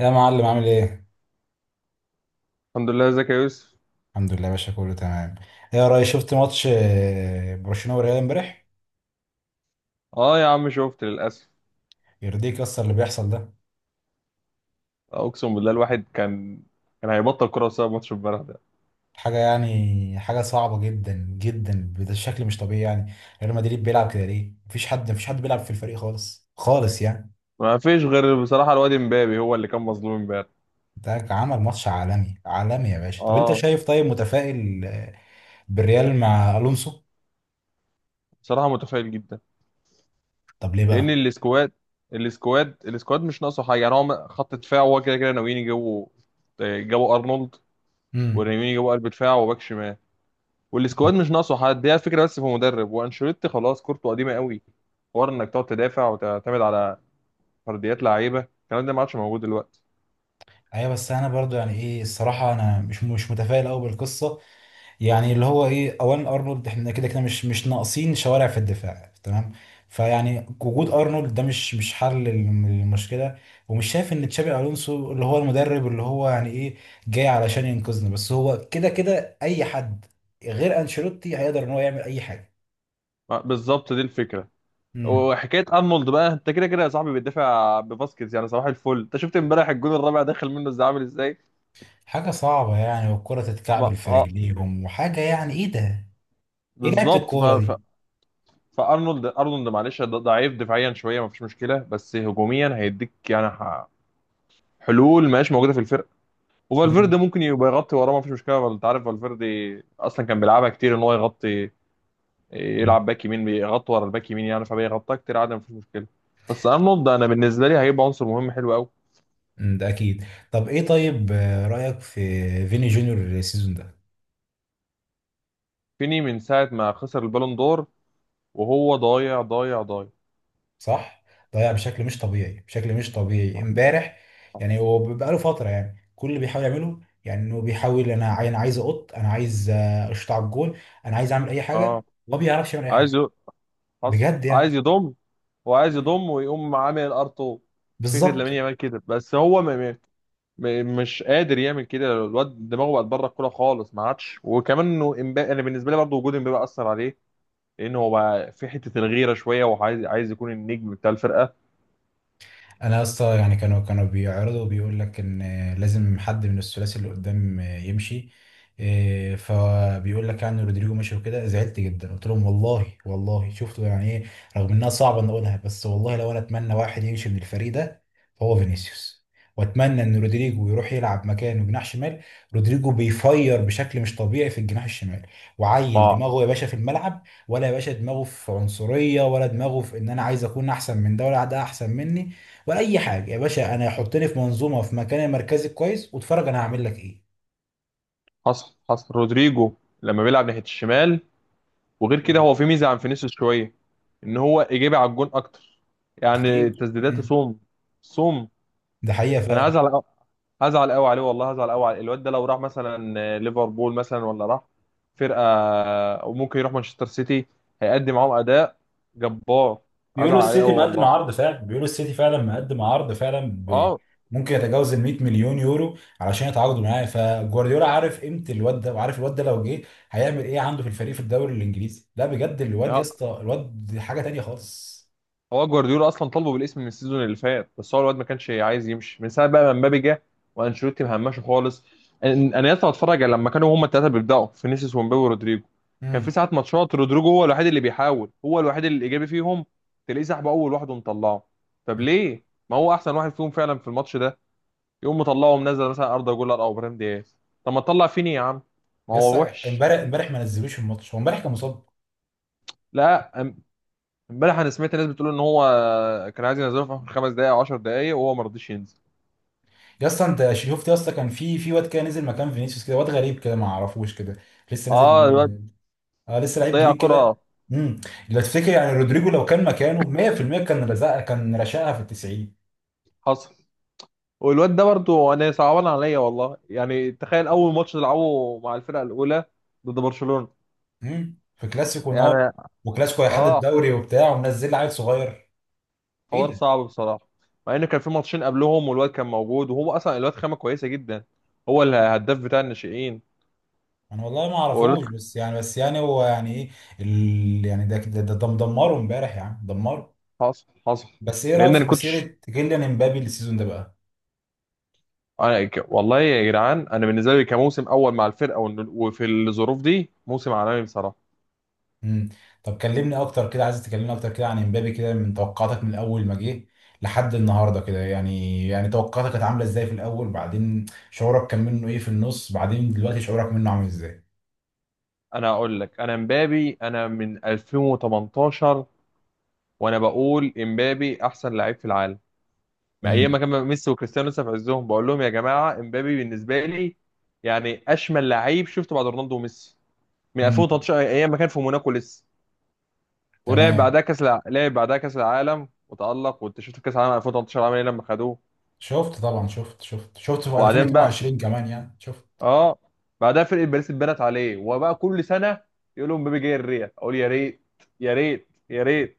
يا معلم، عامل ايه؟ الحمد لله، ازيك يا يوسف. الحمد لله يا باشا، كله تمام. ايه يا ريس، شفت ماتش برشلونة وريال امبارح؟ اه يا عم شفت للاسف. يرضيك اصلا اللي بيحصل ده؟ اقسم بالله الواحد كان هيبطل كوره بسبب ماتش امبارح ده. حاجة يعني حاجة صعبة جدا جدا بشكل مش طبيعي يعني. ريال مدريد بيلعب كده ليه؟ مفيش حد بيلعب في الفريق خالص خالص يعني. ما فيش غير بصراحه، الواد امبابي هو اللي كان مظلوم امبارح. ده عمل ماتش عالمي عالمي يا باشا. طب انت اه، شايف، طيب، متفائل بالريال مع الونسو؟ بصراحه متفائل جدا. طب ليه لان بقى؟ السكواد مش ناقصه حاجه، يعني هو خط دفاع هو كده كده ناويين يجيبوا. جابوا ارنولد، امم. وناويين يجيبوا قلب دفاع وباك شمال. والسكواد مش ناقصه حد، هي الفكره بس في مدرب، وانشيلوتي خلاص كورته قديمه قوي. حوار انك تقعد تدافع وتعتمد على فرديات لعيبه الكلام ده ما عادش موجود دلوقتي. ايوه بس انا برضو يعني ايه الصراحة انا مش متفائل قوي بالقصة. يعني اللي هو ايه، اولا ارنولد، احنا كده كده مش ناقصين شوارع في الدفاع تمام. فيعني وجود ارنولد ده مش حل للمشكله. ومش شايف ان تشابي الونسو اللي هو المدرب اللي هو يعني ايه جاي علشان ينقذنا، بس هو كده كده اي حد غير انشيلوتي هيقدر ان هو يعمل اي حاجه. بالظبط دي الفكره. امم. وحكايه ارنولد بقى، انت كده كده يا صاحبي بتدافع بباسكيز، يعني صباح الفل. انت شفت امبارح الجون الرابع داخل منه ازاي، عامل ازاي؟ حاجه صعبه يعني، والكره ما تتكعبل في اه رجليهم، وحاجه يعني ايه ده، ايه لعبه بالظبط. ف... الكوره ف... دي. فارنولد ارنولد معلش ضعيف دفاعيا شويه ما فيش مشكله، بس هجوميا هيديك يعني حلول ما هيش موجوده في الفرقه. وفالفيردي امم. ممكن يبقى يغطي وراه ما فيش مشكله، انت عارف فالفيردي اصلا كان بيلعبها كتير ان هو يغطي، يلعب باك يمين بيغطي ورا الباك يمين، يعني فبيغطيها كتير عادي ما فيش مشكله. بس ارنولد انا بالنسبه لي هيبقى عنصر مهم حلو قوي. امم، ده اكيد. طب ايه طيب رايك في فيني جونيور السيزون ده؟ فيني من ساعة ما خسر البالون دور وهو ضايع ضايع ضايع. صح. ضيع بشكل مش طبيعي، بشكل مش طبيعي امبارح. يعني هو بقاله فتره يعني كل اللي بيحاول يعمله يعني انه بيحاول، انا عايز اشطع الجون، انا عايز اعمل اي اه، حاجه، ما بيعرفش يعمل اي عايز حاجه ي- حصل، بجد عايز يعني. يضم، وعايز مم. يضم ويقوم عامل ار2. فكرة لامين بالظبط. يامال كده، بس هو مش قادر يعمل كده، الواد دماغه بقت بره الكوره خالص ما عادش. وكمان انه امبابي، انا بالنسبه لي برضه وجود امبابي اثر عليه، لان هو بقى في حته الغيره شويه، وعايز يكون النجم بتاع الفرقه. انا يا اسطى يعني كانوا بيعرضوا بيقول لك ان لازم حد من الثلاثي اللي قدام يمشي. إيه، فبيقول لك يعني رودريجو مشي. وكده زعلت جدا قلت لهم والله والله شفتوا يعني ايه. رغم انها صعبه ان اقولها، بس والله لو انا اتمنى واحد يمشي من الفريق ده فهو فينيسيوس. واتمنى ان رودريجو يروح يلعب مكانه جناح شمال. رودريجو بيفير بشكل مش طبيعي في الجناح الشمال، وعيل ما دماغه يا باشا في الملعب. ولا يا باشا دماغه في عنصريه، ولا دماغه في ان انا عايز اكون احسن من ده، ولا ده احسن مني، ولا اي حاجه. يا باشا انا حطني في منظومه، في مكان مركزي كويس، واتفرج انا هعمل لك ايه. حصل، حصل رودريجو لما بيلعب ناحيه الشمال، وغير كده مم. هو في ميزه عن فينيسيوس شويه، ان هو ايجابي على الجون اكتر، يعني بكتير. تسديداته امم. صوم صوم. ده حقيقه انا فعلا. هزعل قوي عليه والله، هزعل قوي على الواد ده لو راح مثلا ليفربول مثلا، ولا راح فرقه وممكن يروح مانشستر سيتي، هيقدم معاهم اداء جبار. بيقولوا هزعل عليه السيتي قوي مقدم والله. عرض فعلا، بيقولوا السيتي فعلا مقدم عرض فعلا. اه، ممكن يتجاوز ال 100 مليون يورو علشان يتعاقدوا معاه. فجوارديولا عارف قيمه الواد ده، وعارف الواد ده لو جه هيعمل ايه عنده في الفريق في الدوري الانجليزي. لا بجد الواد يا ده اسطى، الواد حاجه تانيه خالص. هو جوارديولا اصلا طالبه بالاسم من السيزون اللي فات، بس هو الواد ما كانش عايز يمشي من ساعه بقى ما مبابي جه وانشيلوتي مهمشه خالص. انا لسه بتفرج على لما كانوا هما الثلاثه بيبداوا، فينيسيوس ومبابي ورودريجو، كان في امم. ساعات ماتشات رودريجو هو الوحيد اللي بيحاول، هو الوحيد الايجابي فيهم، تلاقيه سحبه اول واحد ومطلعه. طب ليه؟ ما هو احسن واحد فيهم فعلا في الماتش ده، يقوم مطلعه ومنزل مثلا اردا جولر او ابراهيم دياز. طب ما تطلع فيني يا عم، ما يا اسطى هو وحش. امبارح، امبارح ما نزلوش الماتش، هو امبارح كان مصاب. لا أم- امبارح انا سمعت ناس بتقول ان هو كان عايز ينزله في اخر 5 دقائق او 10 دقائق وهو ما رضيش ينزل. يا اسطى انت شفت يا اسطى، كان في واد كده نزل مكان فينيسيوس، كده واد غريب كده ما اعرفوش كده، لسه نازل اه، الواد جديد. اه، لسه لعيب ضيع جديد كرة. كده. امم. لو تفتكر يعني رودريجو لو كان مكانه 100% كان رشقها في ال 90. حصل. والواد ده برضو انا صعبان عليا والله، يعني تخيل اول ماتش تلعبه مع الفرقة الاولى ضد برشلونة، امم. في كلاسيكو نار، يعني. وكلاسيكو هيحدد اه، الدوري وبتاع، ومنزل لعيب صغير. ايه حوار ده؟ صعب بصراحة، مع ان كان في ماتشين قبلهم والواد كان موجود، وهو اصلا الواد خامة كويسة جدا، هو مم. الهداف بتاع الناشئين. انا والله ما والواد اعرفوش، بس يعني هو يعني ايه. يعني ده دمره امبارح يعني دمره. حصل. بس ايه رايك لان انا في مسيره كنتش كيليان امبابي السيزون ده بقى؟ أنا ك... والله يا جدعان، انا بالنسبة لي كموسم اول مع الفرقة وفي الظروف دي موسم عالمي بصراحة. مم. طب كلمني اكتر كده، عايز تكلمني اكتر كده عن امبابي كده، من توقعاتك من اول ما جه لحد النهارده كده، يعني توقعاتك كانت عامله ازاي في الاول، بعدين شعورك كان منه ايه في النص، بعدين دلوقتي شعورك منه عامل ازاي. انا اقول لك، انا مبابي انا من 2018 وانا بقول امبابي احسن لعيب في العالم، ما ايام ما امم. كان ميسي وكريستيانو لسه في عزهم بقول لهم يا جماعه امبابي بالنسبه لي يعني اشمل لعيب شفته بعد رونالدو وميسي. من امم. 2013 ايام ما كان في موناكو لسه، ولعب تمام. بعدها لعب بعدها كاس العالم وتالق، وانت شفت كاس العالم 2018 عمل ايه لما خدوه. شفت طبعا، شفت في وبعدين بقى، 2022 كمان يعني شفت. اه، بعدها فرقه باريس اتبنت عليه وبقى كل سنه يقول لهم امبابي جاي الريال، اقول يا ريت يا ريت يا ريت.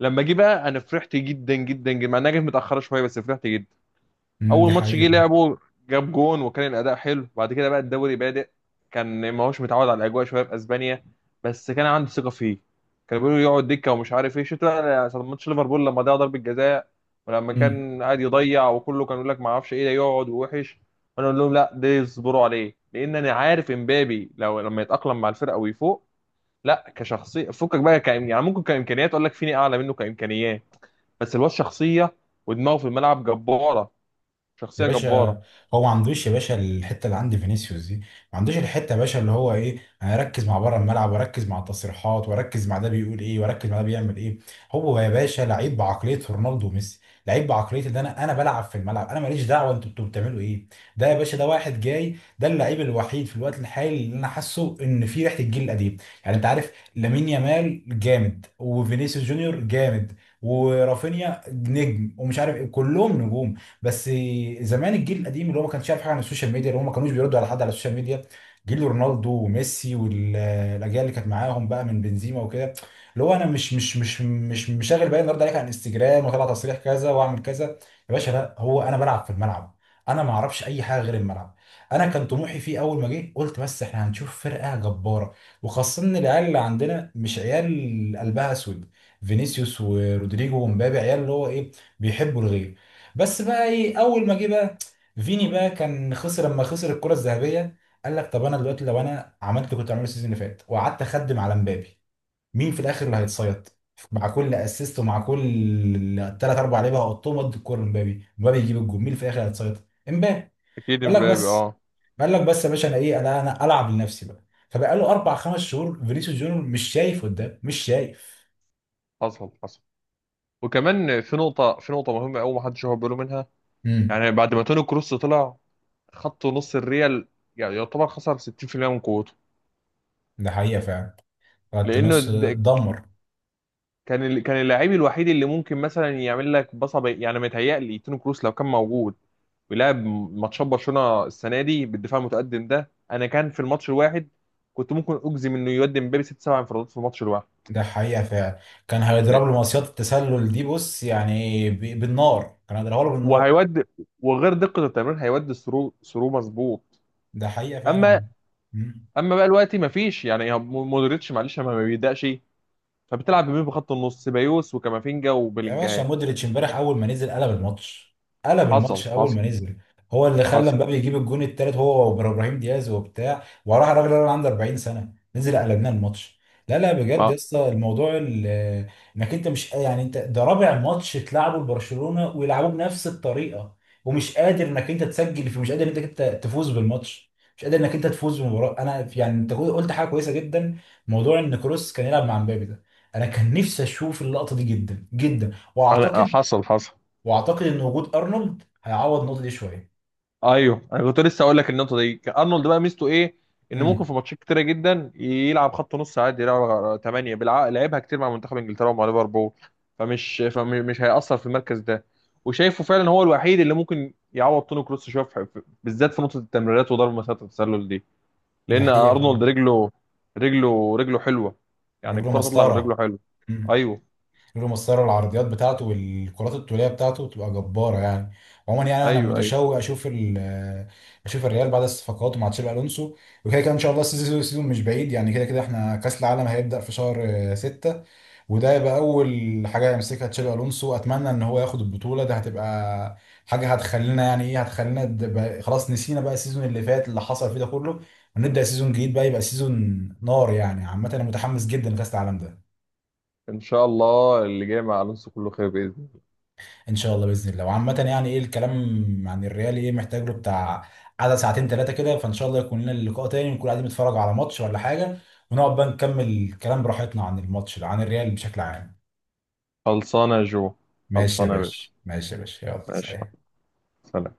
لما جه بقى انا فرحت جدا جدا جدا، مع انها جت متاخره شويه بس فرحت. امم. دي اول ماتش جه حقيقة. لعبه جاب جون وكان الاداء حلو، بعد كده بقى الدوري بادئ، كان ما هوش متعود على الاجواء شويه في اسبانيا، بس كان عنده ثقه فيه. كان بيقولوا يقعد دكه ومش عارف ايه، شفت بقى ماتش ليفربول لما ضيع ضربه جزاء، ولما امم. كان قاعد يضيع وكله كان يقول لك ما اعرفش ايه ده، يقعد ووحش. وانا اقول لهم لا ده يصبروا عليه، لان انا عارف امبابي لو لما يتاقلم مع الفرقه ويفوق، لا كشخصيه فكك بقى يعني ممكن كامكانيات اقول لك فيني اعلى منه كامكانيات، بس الواد شخصيه، ودماغه في الملعب جباره، يا شخصيه جباره. باشا، هو ما عندوش يا باشا الحته اللي عند فينيسيوس دي، ما عندوش الحته يا باشا اللي هو ايه انا اركز مع بره الملعب، واركز مع التصريحات، واركز مع ده بيقول ايه، واركز مع ده بيعمل ايه. هو يا باشا لعيب بعقليه رونالدو وميسي. لعيب بعقليه ان انا بلعب في الملعب، انا ماليش دعوه انتوا بتبقوا بتعملوا ايه. ده يا باشا ده واحد جاي ده اللعيب الوحيد في الوقت الحالي اللي انا حاسه ان فيه ريحه الجيل القديم. يعني انت عارف لامين يامال جامد، وفينيسيوس جونيور جامد، ورافينيا نجم، ومش عارف ايه، كلهم نجوم. بس زمان الجيل القديم اللي هو ما كانش عارف حاجه عن السوشيال ميديا، اللي هم ما كانوش بيردوا على حد على السوشيال ميديا. جيل رونالدو وميسي والاجيال اللي كانت معاهم بقى من بنزيما وكده، اللي هو انا مش شاغل بالي النهارده عليك على الانستجرام، واطلع تصريح كذا واعمل كذا. يا باشا لا، هو انا بلعب في الملعب، انا ما اعرفش اي حاجه غير الملعب. انا كان طموحي فيه اول ما جه قلت بس احنا هنشوف فرقه جباره. وخاصه ان العيال اللي عندنا مش عيال قلبها اسود. فينيسيوس ورودريجو ومبابي عيال اللي هو ايه بيحبوا الغير. بس بقى ايه، اول ما جه بقى فيني بقى كان خسر، لما خسر الكره الذهبيه قال لك طب انا دلوقتي لو انا عملت اللي كنت عامله السيزون اللي فات وقعدت اخدم على مبابي، مين في الاخر اللي هيتصيد؟ مع كل اسيست ومع كل ثلاث اربع لعيبه هحطهم قد الكوره لمبابي، مبابي يجيب الجول، مين اللي في الاخر هيتصيد؟ امبابي. اكيد قال لك امبابي، بس اه. قال لك بس يا باشا انا ايه، انا العب لنفسي بقى. فبقى له اربع خمس شهور فينيسيوس جونيور مش شايف قدام، مش شايف. حصل، حصل. وكمان في نقطه مهمه قوي ما حدش واخد باله منها. امم. يعني بعد ما توني كروس طلع خط نص الريال، يعني يعتبر خسر 60% من قوته، ده حقيقه فعلا. خط لانه نص. ده دمر. كان كان اللاعب الوحيد اللي ممكن مثلا يعمل لك بصه يعني متهيألي توني كروس لو كان موجود ويلعب ماتشات برشلونه السنه دي بالدفاع المتقدم ده، انا كان في الماتش الواحد كنت ممكن اجزم انه يودي امبابي ست سبع انفرادات في الماتش الواحد. ده حقيقة فعلا. كان لا، هيضرب له مصيدة التسلل دي بص، يعني بالنار كان هيضربها له بالنار. وهيودي، وغير دقه التمرير هيودي ثرو ثرو مظبوط. ده حقيقة فعلا اما والله. اما بقى دلوقتي مفيش، يعني هو مودريتش معلش ما بيبدأش، فبتلعب بمين بخط النص؟ سيبايوس وكامافينجا يا باشا وبلينجهام. مودريتش امبارح اول ما نزل قلب الماتش، قلب حصل، الماتش اول حصل، ما نزل. هو اللي خلى حصل. مبابي يجيب الجون التالت، هو وابراهيم دياز وبتاع، وراح الراجل اللي عنده 40 سنه نزل قلبنا الماتش. لا لا بجد يا اه، اسطى، الموضوع. انك انت مش يعني انت ده رابع ماتش تلعبه لبرشلونه ويلعبوه بنفس الطريقه، ومش قادر انك انت تسجل فيه، مش قادر انك انت تفوز بالماتش، مش قادر انك انت تفوز بالمباراه. انا يعني انت قلت حاجه كويسه جدا، موضوع ان كروس كان يلعب مع مبابي ده، انا كان نفسي اشوف اللقطه دي جدا جدا. انا. واعتقد حصل، حصل. ان وجود ارنولد هيعوض النقطه دي شويه. ايوه، انا كنت لسه اقول لك النقطه دي، ارنولد بقى ميزته ايه؟ ان ممكن في امم. ماتشات كتيره جدا يلعب خط نص عادي، يلعب 8، بيلعب لعبها كتير مع منتخب انجلترا ومع ليفربول، فمش هيأثر في المركز ده. وشايفه فعلا هو الوحيد اللي ممكن يعوض توني كروس شويه بالذات في نقطه التمريرات وضرب مسافه التسلل دي، دي لان حقيقه ارنولد فعلا. رجله حلوه، يعني رجله الكره تطلع من مسطره. رجله حلوه. امم. ايوه، رجله مسطره، العرضيات بتاعته والكرات الطوليه بتاعته بتبقى جباره يعني. عموما يعني انا ايوه، ايوه. متشوق اشوف اشوف الريال بعد الصفقات مع تشابي الونسو. وكده كده ان شاء الله، السيزون مش بعيد يعني. كده كده احنا كاس العالم هيبدا في شهر 6، وده يبقى اول حاجه يمسكها تشابي الونسو، اتمنى ان هو ياخد البطوله ده، هتبقى حاجه هتخلينا يعني ايه هتخلينا خلاص نسينا بقى السيزون اللي فات اللي حصل فيه ده كله، ونبدا سيزون جديد بقى يبقى سيزون نار يعني. عامه انا متحمس جدا لكاس العالم ده. ان شاء الله اللي جاي مع الونسو كله خير باذن الله. ان شاء الله باذن الله. وعامه يعني ايه الكلام عن الريال، ايه، محتاج له بتاع قعده ساعتين ثلاثه كده. فان شاء الله يكون لنا اللقاء تاني ونكون قاعدين نتفرج على ماتش ولا حاجه، ونقعد بقى نكمل الكلام براحتنا عن الماتش عن الريال بشكل عام. خلصانه يا جو. ماشي يا خلصانه يا باشا. باشا، ماشي يا باشا، يلا ماشي. سلام. سلام.